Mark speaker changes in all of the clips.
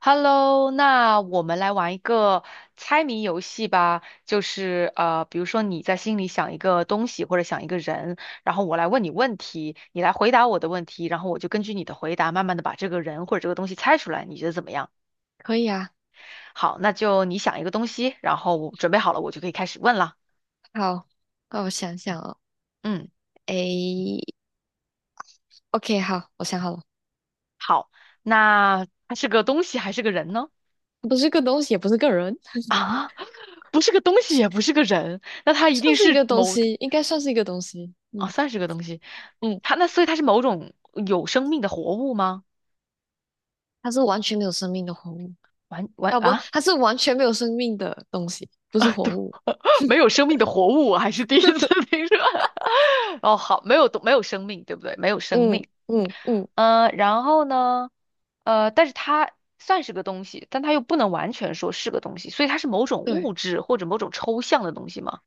Speaker 1: Hello，那我们来玩一个猜谜游戏吧，就是比如说你在心里想一个东西或者想一个人，然后我来问你问题，你来回答我的问题，然后我就根据你的回答慢慢的把这个人或者这个东西猜出来，你觉得怎么样？
Speaker 2: 可以啊。
Speaker 1: 好，那就你想一个东西，然后我准备好了，我就可以开始问了。
Speaker 2: 好，那我想想哦。
Speaker 1: 嗯，
Speaker 2: 诶，OK，好，我想好了。
Speaker 1: 好，那它是个东西还是个人呢？
Speaker 2: 不是个东西，也不是个人。
Speaker 1: 啊，不是个东西，也不
Speaker 2: 算
Speaker 1: 是个人，那它一定
Speaker 2: 算是一
Speaker 1: 是
Speaker 2: 个东
Speaker 1: 某
Speaker 2: 西，应该算是一个东西，
Speaker 1: 哦，
Speaker 2: 嗯。
Speaker 1: 算是个东西。
Speaker 2: 嗯，
Speaker 1: 所以它是某种有生命的活物吗？
Speaker 2: 它是完全没有生命的活物
Speaker 1: 完完
Speaker 2: 啊，不，
Speaker 1: 啊
Speaker 2: 它是完全没有生命的东西，不是
Speaker 1: 啊，
Speaker 2: 活
Speaker 1: 对，
Speaker 2: 物。
Speaker 1: 没有生命的活物，我还是第一次 听说。哦，好，没有没有生命，对不对？没有生
Speaker 2: 嗯
Speaker 1: 命。
Speaker 2: 嗯嗯。
Speaker 1: 然后呢？但是它算是个东西，但它又不能完全说是个东西，所以它是某种
Speaker 2: 对，
Speaker 1: 物质或者某种抽象的东西吗？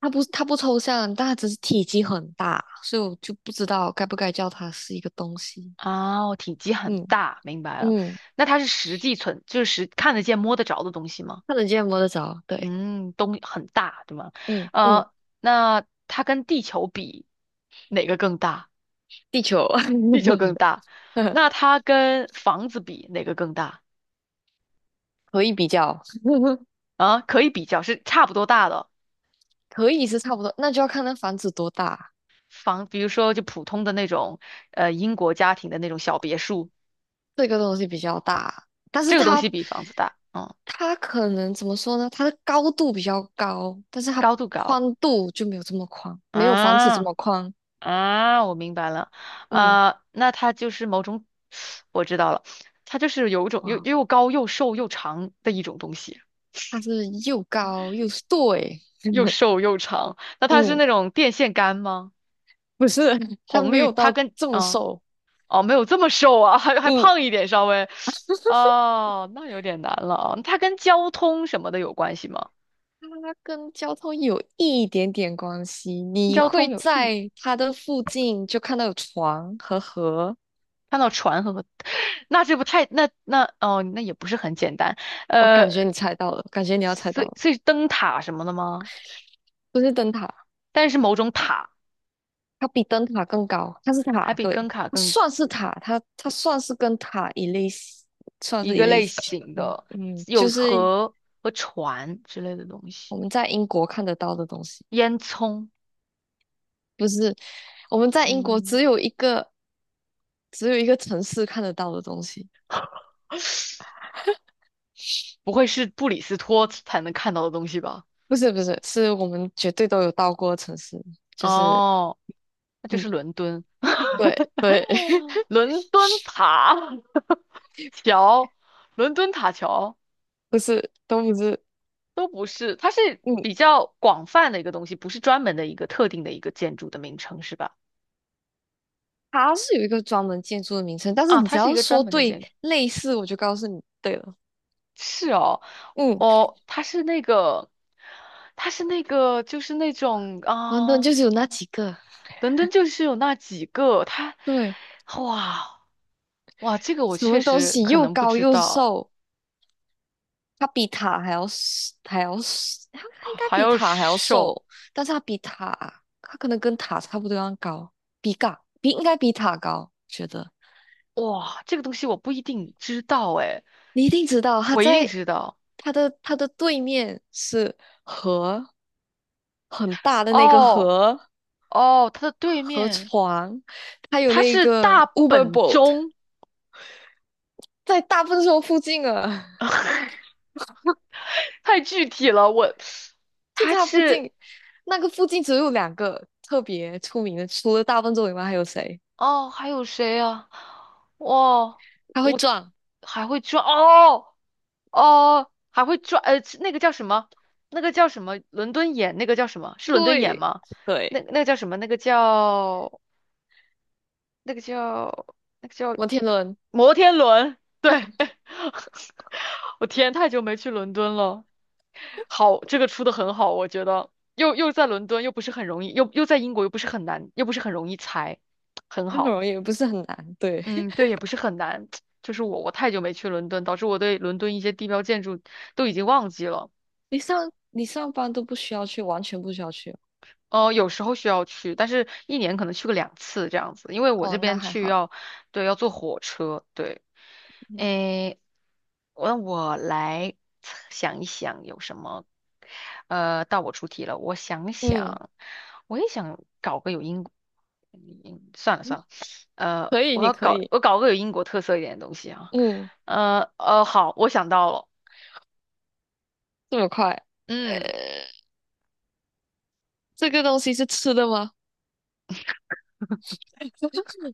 Speaker 2: 它不抽象，但它只是体积很大，所以我就不知道该不该叫它是一个东西，
Speaker 1: 啊哦，体积很
Speaker 2: 嗯。
Speaker 1: 大，明白了。
Speaker 2: 嗯，
Speaker 1: 那它是实际存，就是实看得见、摸得着的东西吗？
Speaker 2: 看得见摸得着，对。
Speaker 1: 嗯，东很大，对吗？
Speaker 2: 嗯嗯。
Speaker 1: 呃，那它跟地球比，哪个更大？
Speaker 2: 地球。
Speaker 1: 地球更大。那它跟房子比，哪个更大？
Speaker 2: 可以比较。
Speaker 1: 啊，可以比较，是差不多大的
Speaker 2: 可以是差不多，那就要看那房子多大。
Speaker 1: 比如说就普通的那种，英国家庭的那种小别墅，
Speaker 2: 这个东西比较大，但是
Speaker 1: 这个东
Speaker 2: 它
Speaker 1: 西比房子大，嗯，
Speaker 2: 它可能怎么说呢？它的高度比较高，但是它
Speaker 1: 高度高。
Speaker 2: 宽度就没有这么宽，没有房子这
Speaker 1: 啊，
Speaker 2: 么宽。
Speaker 1: 啊，我明白了。
Speaker 2: 嗯。
Speaker 1: 啊，那它就是某种，我知道了，它就是有一种又
Speaker 2: 哇，
Speaker 1: 又高又瘦又长的一种东西。
Speaker 2: 它是又高又瘦，诶。
Speaker 1: 又瘦又长。那它是
Speaker 2: 嗯，
Speaker 1: 那种电线杆吗？
Speaker 2: 不是，它
Speaker 1: 红
Speaker 2: 没
Speaker 1: 绿，
Speaker 2: 有
Speaker 1: 它
Speaker 2: 到
Speaker 1: 跟
Speaker 2: 这么
Speaker 1: 啊
Speaker 2: 瘦。
Speaker 1: 哦，没有这么瘦啊，还
Speaker 2: 嗯。
Speaker 1: 胖一点稍微。哦，那有点难了啊。它跟交通什么的有关系吗？
Speaker 2: 它跟交通有一点点关系，你
Speaker 1: 交通
Speaker 2: 会
Speaker 1: 有意，
Speaker 2: 在它的附近就看到有床和河。
Speaker 1: 看到船和，那这不太哦，那也不是很简单。
Speaker 2: 我感觉
Speaker 1: 呃，
Speaker 2: 你猜到了，感觉你要猜
Speaker 1: 所
Speaker 2: 到
Speaker 1: 以
Speaker 2: 了。
Speaker 1: 所以灯塔什么的吗？
Speaker 2: 不是灯塔，
Speaker 1: 但是某种塔，
Speaker 2: 它比灯塔更高，它是
Speaker 1: 还
Speaker 2: 塔，
Speaker 1: 比灯
Speaker 2: 对，
Speaker 1: 塔
Speaker 2: 它
Speaker 1: 更
Speaker 2: 算是塔，它算是跟塔一类似，算
Speaker 1: 一
Speaker 2: 是一
Speaker 1: 个
Speaker 2: 类
Speaker 1: 类
Speaker 2: 似。
Speaker 1: 型
Speaker 2: 嗯
Speaker 1: 的，
Speaker 2: 嗯，
Speaker 1: 有
Speaker 2: 就是
Speaker 1: 河和船之类的东
Speaker 2: 我
Speaker 1: 西。
Speaker 2: 们在英国看得到的东西。
Speaker 1: 烟囱，
Speaker 2: 不是，我们在英国
Speaker 1: 嗯。
Speaker 2: 只有一个只有一个城市看得到的东西。
Speaker 1: 不会是布里斯托才能看到的东西吧？
Speaker 2: 不是不是，是我们绝对都有到过的城市，就是。
Speaker 1: 哦，那就
Speaker 2: 嗯。
Speaker 1: 是伦敦，
Speaker 2: 对。对。
Speaker 1: 伦敦塔 桥，伦敦塔桥
Speaker 2: 不是都不是。
Speaker 1: 都不是，它是
Speaker 2: 嗯，
Speaker 1: 比较广泛的一个东西，不是专门的一个特定的一个建筑的名称，是吧？
Speaker 2: 它是有一个专门建筑的名称，但是
Speaker 1: 啊，
Speaker 2: 你只
Speaker 1: 它是一
Speaker 2: 要
Speaker 1: 个专
Speaker 2: 说
Speaker 1: 门的
Speaker 2: 对
Speaker 1: 建筑，
Speaker 2: 类似，我就告诉你对了。
Speaker 1: 是哦，
Speaker 2: 嗯。
Speaker 1: 哦，它是那个，它是那个，就是那种
Speaker 2: 伦敦
Speaker 1: 啊，
Speaker 2: 就是有那几个。
Speaker 1: 伦敦就是有那几个，它，
Speaker 2: 对。
Speaker 1: 哇，哇，这个我
Speaker 2: 什么
Speaker 1: 确
Speaker 2: 东
Speaker 1: 实
Speaker 2: 西
Speaker 1: 可
Speaker 2: 又
Speaker 1: 能不
Speaker 2: 高
Speaker 1: 知
Speaker 2: 又
Speaker 1: 道。
Speaker 2: 瘦，它比塔还要还要它它应该
Speaker 1: 还
Speaker 2: 比
Speaker 1: 有
Speaker 2: 塔还要
Speaker 1: 手，
Speaker 2: 瘦，但是它比塔，它可能跟塔差不多样高，比嘎比应该比塔高，觉得。
Speaker 1: 哇，这个东西我不一定知道哎，
Speaker 2: 你一定知道，它
Speaker 1: 我一定
Speaker 2: 在
Speaker 1: 知道。
Speaker 2: 它的它的对面是河，很大的那个
Speaker 1: 哦，
Speaker 2: 河。
Speaker 1: 哦，它的对
Speaker 2: 和
Speaker 1: 面，
Speaker 2: 床，还有
Speaker 1: 它
Speaker 2: 那
Speaker 1: 是
Speaker 2: 个
Speaker 1: 大
Speaker 2: Uber
Speaker 1: 本
Speaker 2: Boat。
Speaker 1: 钟，
Speaker 2: 在大笨兽附近啊。
Speaker 1: 太具体了，我，
Speaker 2: 就
Speaker 1: 它
Speaker 2: 在它附
Speaker 1: 是
Speaker 2: 近。那个附近只有两个特别出名的，除了大笨兽以外还有谁？
Speaker 1: 哦，还有谁啊？哇，
Speaker 2: 它会
Speaker 1: 我
Speaker 2: 撞。
Speaker 1: 还会转哦，哦，还会转，那个叫什么？那个叫什么？伦敦眼，那个叫什么？是伦敦眼
Speaker 2: 对。
Speaker 1: 吗？那
Speaker 2: 对。
Speaker 1: 那个叫什么？那个叫那个叫那个叫
Speaker 2: 摩天轮。
Speaker 1: 摩天轮，我天，太久没去伦敦了。好，这个出的很好，我觉得又在伦敦，又不是很容易，又在英国，又不是很难，又不是很容易猜，很
Speaker 2: 那
Speaker 1: 好。
Speaker 2: 种也不是很难。对。
Speaker 1: 嗯，对，也不是很难。就是我太久没去伦敦，导致我对伦敦一些地标建筑都已经忘记了。
Speaker 2: 你上班都不需要去，完全不需要去。
Speaker 1: 哦，有时候需要去，但是一年可能去个两次这样子，因为我
Speaker 2: 哦，
Speaker 1: 这
Speaker 2: 那
Speaker 1: 边
Speaker 2: 还
Speaker 1: 去
Speaker 2: 好。
Speaker 1: 要，对，要坐火车，对。
Speaker 2: 嗯
Speaker 1: 诶，我来想一想有什么，到我出题了，我想
Speaker 2: 嗯。
Speaker 1: 想，我也想搞个有英，嗯，算了算了，
Speaker 2: 可以，
Speaker 1: 我
Speaker 2: 你
Speaker 1: 要
Speaker 2: 可
Speaker 1: 搞，
Speaker 2: 以。
Speaker 1: 个有英国特色一点的东西啊，
Speaker 2: 嗯。
Speaker 1: 好，我想到了，
Speaker 2: 这么快？呃，
Speaker 1: 嗯，
Speaker 2: 这个东西是吃的吗？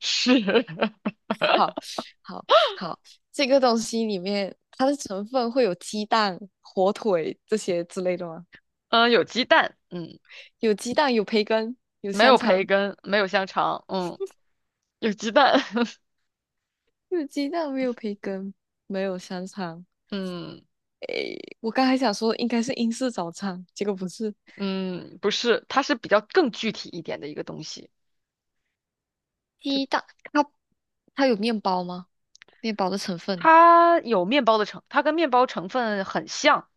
Speaker 1: 是，
Speaker 2: 好，好，好，这个东西里面它的成分会有鸡蛋、火腿这些之类的吗？
Speaker 1: 有鸡蛋，嗯。
Speaker 2: 有鸡蛋，有培根，有
Speaker 1: 没
Speaker 2: 香
Speaker 1: 有培
Speaker 2: 肠。
Speaker 1: 根，没有香肠，嗯，有鸡蛋，
Speaker 2: 有鸡蛋，没有培根，没有香肠。
Speaker 1: 嗯
Speaker 2: 诶，我刚才想说应该是英式早餐，结果不是。
Speaker 1: 嗯，不是，它是比较更具体一点的一个东西，
Speaker 2: 鸡
Speaker 1: 就
Speaker 2: 蛋。它它有面包吗？面包的成分。
Speaker 1: 它跟面包成分很像，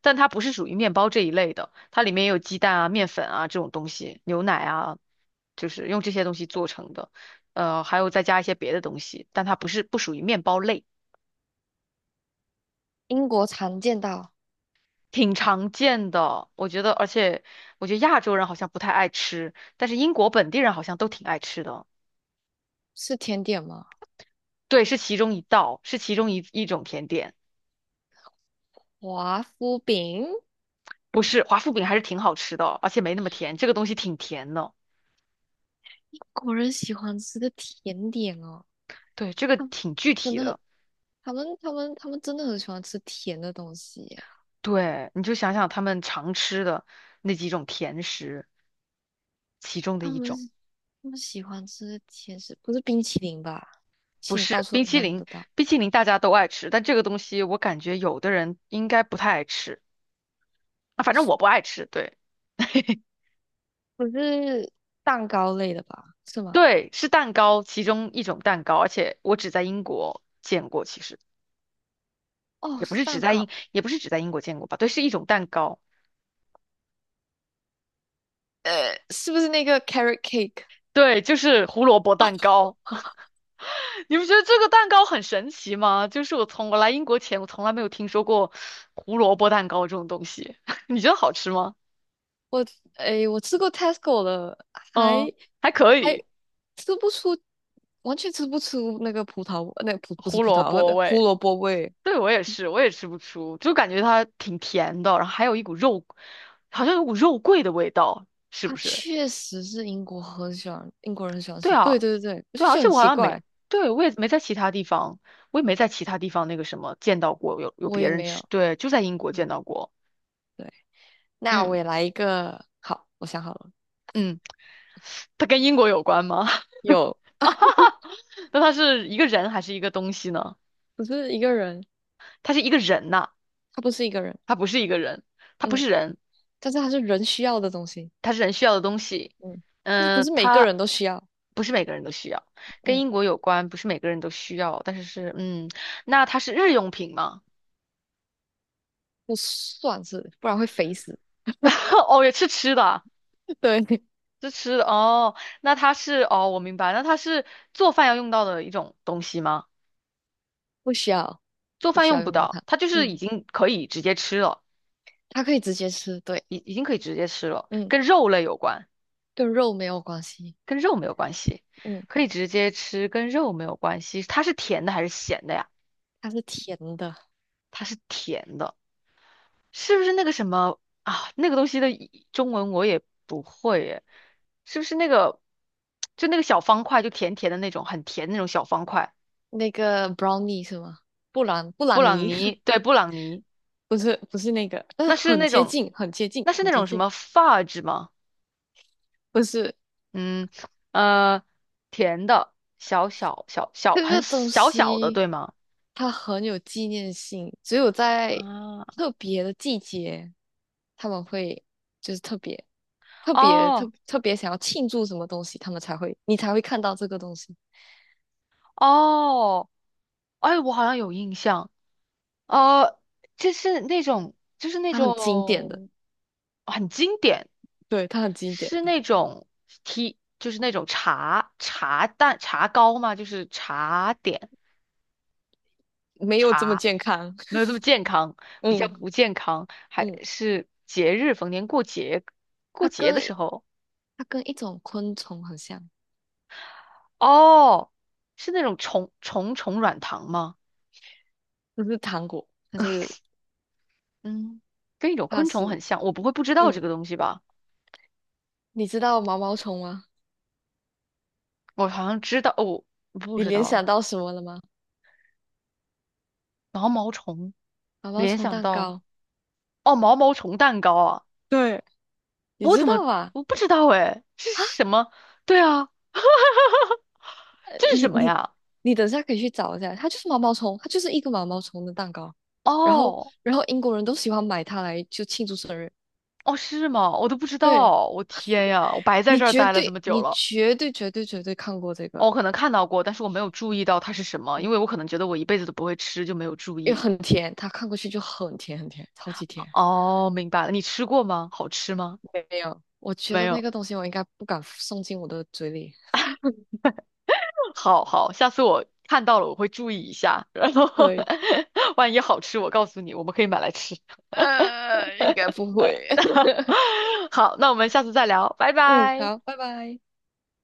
Speaker 1: 但它不是属于面包这一类的，它里面有鸡蛋啊、面粉啊这种东西，牛奶啊，就是用这些东西做成的，还有再加一些别的东西，但它不是不属于面包类。
Speaker 2: 英国常见到。
Speaker 1: 挺常见的，我觉得，而且我觉得亚洲人好像不太爱吃，但是英国本地人好像都挺爱吃的。
Speaker 2: 是甜点吗？
Speaker 1: 对，是其中一道，是其中一种甜点，
Speaker 2: 华夫饼。
Speaker 1: 不是华夫饼，还是挺好吃的，而且没那么甜，这个东西挺甜的。
Speaker 2: 英国人喜欢吃的甜点哦。
Speaker 1: 对，这个
Speaker 2: 啊，
Speaker 1: 挺具
Speaker 2: 真
Speaker 1: 体
Speaker 2: 的，
Speaker 1: 的。
Speaker 2: 他们真的很喜欢吃甜的东西耶。
Speaker 1: 对，你就想想他们常吃的那几种甜食，其中的
Speaker 2: 他
Speaker 1: 一种。
Speaker 2: 们，他们喜欢吃甜食，不是冰淇淋吧？其
Speaker 1: 不
Speaker 2: 实你到
Speaker 1: 是
Speaker 2: 处
Speaker 1: 冰
Speaker 2: 都
Speaker 1: 淇
Speaker 2: 看
Speaker 1: 淋，
Speaker 2: 得到。
Speaker 1: 冰淇淋大家都爱吃，但这个东西我感觉有的人应该不太爱吃。啊，反正我不爱吃，对。
Speaker 2: 不是蛋糕类的吧？是吗？
Speaker 1: 对，是蛋糕，其中一种蛋糕，而且我只在英国见过，其实
Speaker 2: 哦，
Speaker 1: 也不
Speaker 2: 是
Speaker 1: 是只
Speaker 2: 蛋
Speaker 1: 在英，
Speaker 2: 糕。
Speaker 1: 也不是只在英国见过吧，对，是一种蛋糕，
Speaker 2: 呃，是不是那个 carrot cake？
Speaker 1: 对，就是胡萝卜蛋糕。你不觉得这个蛋糕很神奇吗？就是我从我来英国前，我从来没有听说过胡萝卜蛋糕这种东西。你觉得好吃吗？
Speaker 2: 我诶，我吃过 Tesco 的。
Speaker 1: 嗯，
Speaker 2: 还，
Speaker 1: 还可
Speaker 2: 还
Speaker 1: 以，
Speaker 2: 吃不出，完全吃不出那个葡萄，那葡不是
Speaker 1: 胡
Speaker 2: 葡
Speaker 1: 萝
Speaker 2: 萄，
Speaker 1: 卜
Speaker 2: 那胡
Speaker 1: 味。
Speaker 2: 萝卜味。
Speaker 1: 对，我也是，我也吃不出，就感觉它挺甜的，然后还有一股肉，好像有股肉桂的味道，是不
Speaker 2: 它
Speaker 1: 是？
Speaker 2: 确实是英国很喜欢，英国人很喜欢
Speaker 1: 对
Speaker 2: 吃。对
Speaker 1: 啊，
Speaker 2: 对对，我就
Speaker 1: 对啊，而
Speaker 2: 觉得
Speaker 1: 且
Speaker 2: 很
Speaker 1: 我好
Speaker 2: 奇
Speaker 1: 像
Speaker 2: 怪。
Speaker 1: 没，对，我也没在其他地方，我也没在其他地方那个什么见到过有
Speaker 2: 我
Speaker 1: 别
Speaker 2: 也
Speaker 1: 人
Speaker 2: 没
Speaker 1: 吃，
Speaker 2: 有。
Speaker 1: 对，就在英国
Speaker 2: 嗯。
Speaker 1: 见到过。
Speaker 2: 对。那我
Speaker 1: 嗯
Speaker 2: 也来一个。好，我想好了。
Speaker 1: 嗯，它跟英国有关吗？
Speaker 2: 有。
Speaker 1: 那它是一个人还是一个东西呢？
Speaker 2: 不是一个人。
Speaker 1: 它是一个人呐、
Speaker 2: 他不是一个人。
Speaker 1: 它不是一个人，它不
Speaker 2: 嗯，
Speaker 1: 是人，
Speaker 2: 但是他是人需要的东西。
Speaker 1: 它是人需要的东西。
Speaker 2: 嗯，但是不
Speaker 1: 嗯、
Speaker 2: 是每个
Speaker 1: 它
Speaker 2: 人都需要。
Speaker 1: 不是每个人都需要，跟
Speaker 2: 嗯。
Speaker 1: 英国有关，不是每个人都需要，但是是嗯，那它是日用品吗？
Speaker 2: 不算是，不然会肥死。
Speaker 1: 哦，也是吃的。
Speaker 2: 对。
Speaker 1: 这吃的哦，那它是哦，我明白，那它是做饭要用到的一种东西吗？
Speaker 2: 不需要。
Speaker 1: 做
Speaker 2: 不
Speaker 1: 饭
Speaker 2: 需
Speaker 1: 用
Speaker 2: 要
Speaker 1: 不
Speaker 2: 用到
Speaker 1: 到，
Speaker 2: 它。
Speaker 1: 它就是已
Speaker 2: 嗯。
Speaker 1: 经可以直接吃了，
Speaker 2: 它可以直接吃，对。
Speaker 1: 已经可以直接吃了，
Speaker 2: 嗯。
Speaker 1: 跟肉类有关，
Speaker 2: 跟肉没有关系。
Speaker 1: 跟肉没有关系，
Speaker 2: 嗯。
Speaker 1: 可以直接吃，跟肉没有关系。它是甜的还是咸的呀？
Speaker 2: 它是甜的。
Speaker 1: 它是甜的，是不是那个什么啊？那个东西的一中文我也不会耶，是不是那个就那个小方块，就甜甜的那种，很甜的那种小方块？
Speaker 2: 那个 brownie 是吗？布朗布
Speaker 1: 布
Speaker 2: 朗
Speaker 1: 朗
Speaker 2: 尼
Speaker 1: 尼，对，布朗尼。
Speaker 2: 不是不是那个，但是
Speaker 1: 那是
Speaker 2: 很
Speaker 1: 那
Speaker 2: 接
Speaker 1: 种，
Speaker 2: 近，很接近，
Speaker 1: 那是
Speaker 2: 很
Speaker 1: 那
Speaker 2: 接
Speaker 1: 种什
Speaker 2: 近。
Speaker 1: 么发质吗？
Speaker 2: 不是。
Speaker 1: 嗯，呃，甜的，小小小小，
Speaker 2: 这
Speaker 1: 很
Speaker 2: 个东
Speaker 1: 小小的，
Speaker 2: 西。
Speaker 1: 对吗？
Speaker 2: 它很有纪念性，只有在
Speaker 1: 啊，
Speaker 2: 特别的季节，他们会就是特别、特别、特
Speaker 1: 哦，
Speaker 2: 特别想要庆祝什么东西，他们才会你才会看到这个东西。
Speaker 1: 哦，哎，我好像有印象，呃，就是那种，就是那
Speaker 2: 它很经典的。
Speaker 1: 种很经典，
Speaker 2: 对，它很经典
Speaker 1: 是
Speaker 2: 的。
Speaker 1: 那种 T，就是那种茶糕吗？就是茶点。
Speaker 2: 没有这么
Speaker 1: 啊。
Speaker 2: 健康。
Speaker 1: 没有 这么健康，比较
Speaker 2: 嗯
Speaker 1: 不健康，还
Speaker 2: 嗯。
Speaker 1: 是节日，逢年过节，过
Speaker 2: 它
Speaker 1: 节
Speaker 2: 跟
Speaker 1: 的时
Speaker 2: 一
Speaker 1: 候，
Speaker 2: 它跟一种昆虫很像。
Speaker 1: 哦，是那种虫软糖吗？
Speaker 2: 就是糖果。它是。
Speaker 1: 嗯，跟一种
Speaker 2: 它
Speaker 1: 昆虫
Speaker 2: 是。
Speaker 1: 很像，我不会不知道
Speaker 2: 嗯，
Speaker 1: 这个东西吧？
Speaker 2: 你知道毛毛虫吗？
Speaker 1: 我好像知道，哦，不
Speaker 2: 你
Speaker 1: 知
Speaker 2: 联
Speaker 1: 道
Speaker 2: 想到什么了吗？
Speaker 1: 毛毛虫，
Speaker 2: 毛毛
Speaker 1: 联
Speaker 2: 虫
Speaker 1: 想
Speaker 2: 蛋
Speaker 1: 到
Speaker 2: 糕。
Speaker 1: 哦，毛毛虫蛋糕啊，
Speaker 2: 对，你
Speaker 1: 我
Speaker 2: 知
Speaker 1: 怎么
Speaker 2: 道吧？
Speaker 1: 我不知道哎，这是什么？对啊，这是
Speaker 2: 你
Speaker 1: 什么
Speaker 2: 你
Speaker 1: 呀？
Speaker 2: 你等下可以去找一下，它就是毛毛虫，它就是一个毛毛虫的蛋糕。然后，
Speaker 1: 哦，
Speaker 2: 然后英国人都喜欢买它来就庆祝生日。
Speaker 1: 哦，是吗？我都不知
Speaker 2: 对，
Speaker 1: 道，我天呀，我白在
Speaker 2: 你
Speaker 1: 这儿
Speaker 2: 绝
Speaker 1: 待了这
Speaker 2: 对
Speaker 1: 么久
Speaker 2: 你
Speaker 1: 了。
Speaker 2: 绝对绝对绝对看过这
Speaker 1: 哦，
Speaker 2: 个。
Speaker 1: 我可能看到过，但是我没有注意到它是什么，因为我可能觉得我一辈子都不会吃，就没有注
Speaker 2: 又
Speaker 1: 意。
Speaker 2: 很甜，它看过去就很甜很甜，超级甜。
Speaker 1: 哦，明白了，你吃过吗？好吃吗？
Speaker 2: 没有，我觉
Speaker 1: 没
Speaker 2: 得那
Speaker 1: 有。
Speaker 2: 个东西我应该不敢送进我的嘴里。
Speaker 1: 好好，下次我看到了我会注意一下，然后
Speaker 2: 对。
Speaker 1: 万一好吃，我告诉你，我们可以买来吃。
Speaker 2: 呃，应该不会。
Speaker 1: 好，那我们下次再聊，拜
Speaker 2: 嗯，
Speaker 1: 拜。
Speaker 2: 好，拜拜。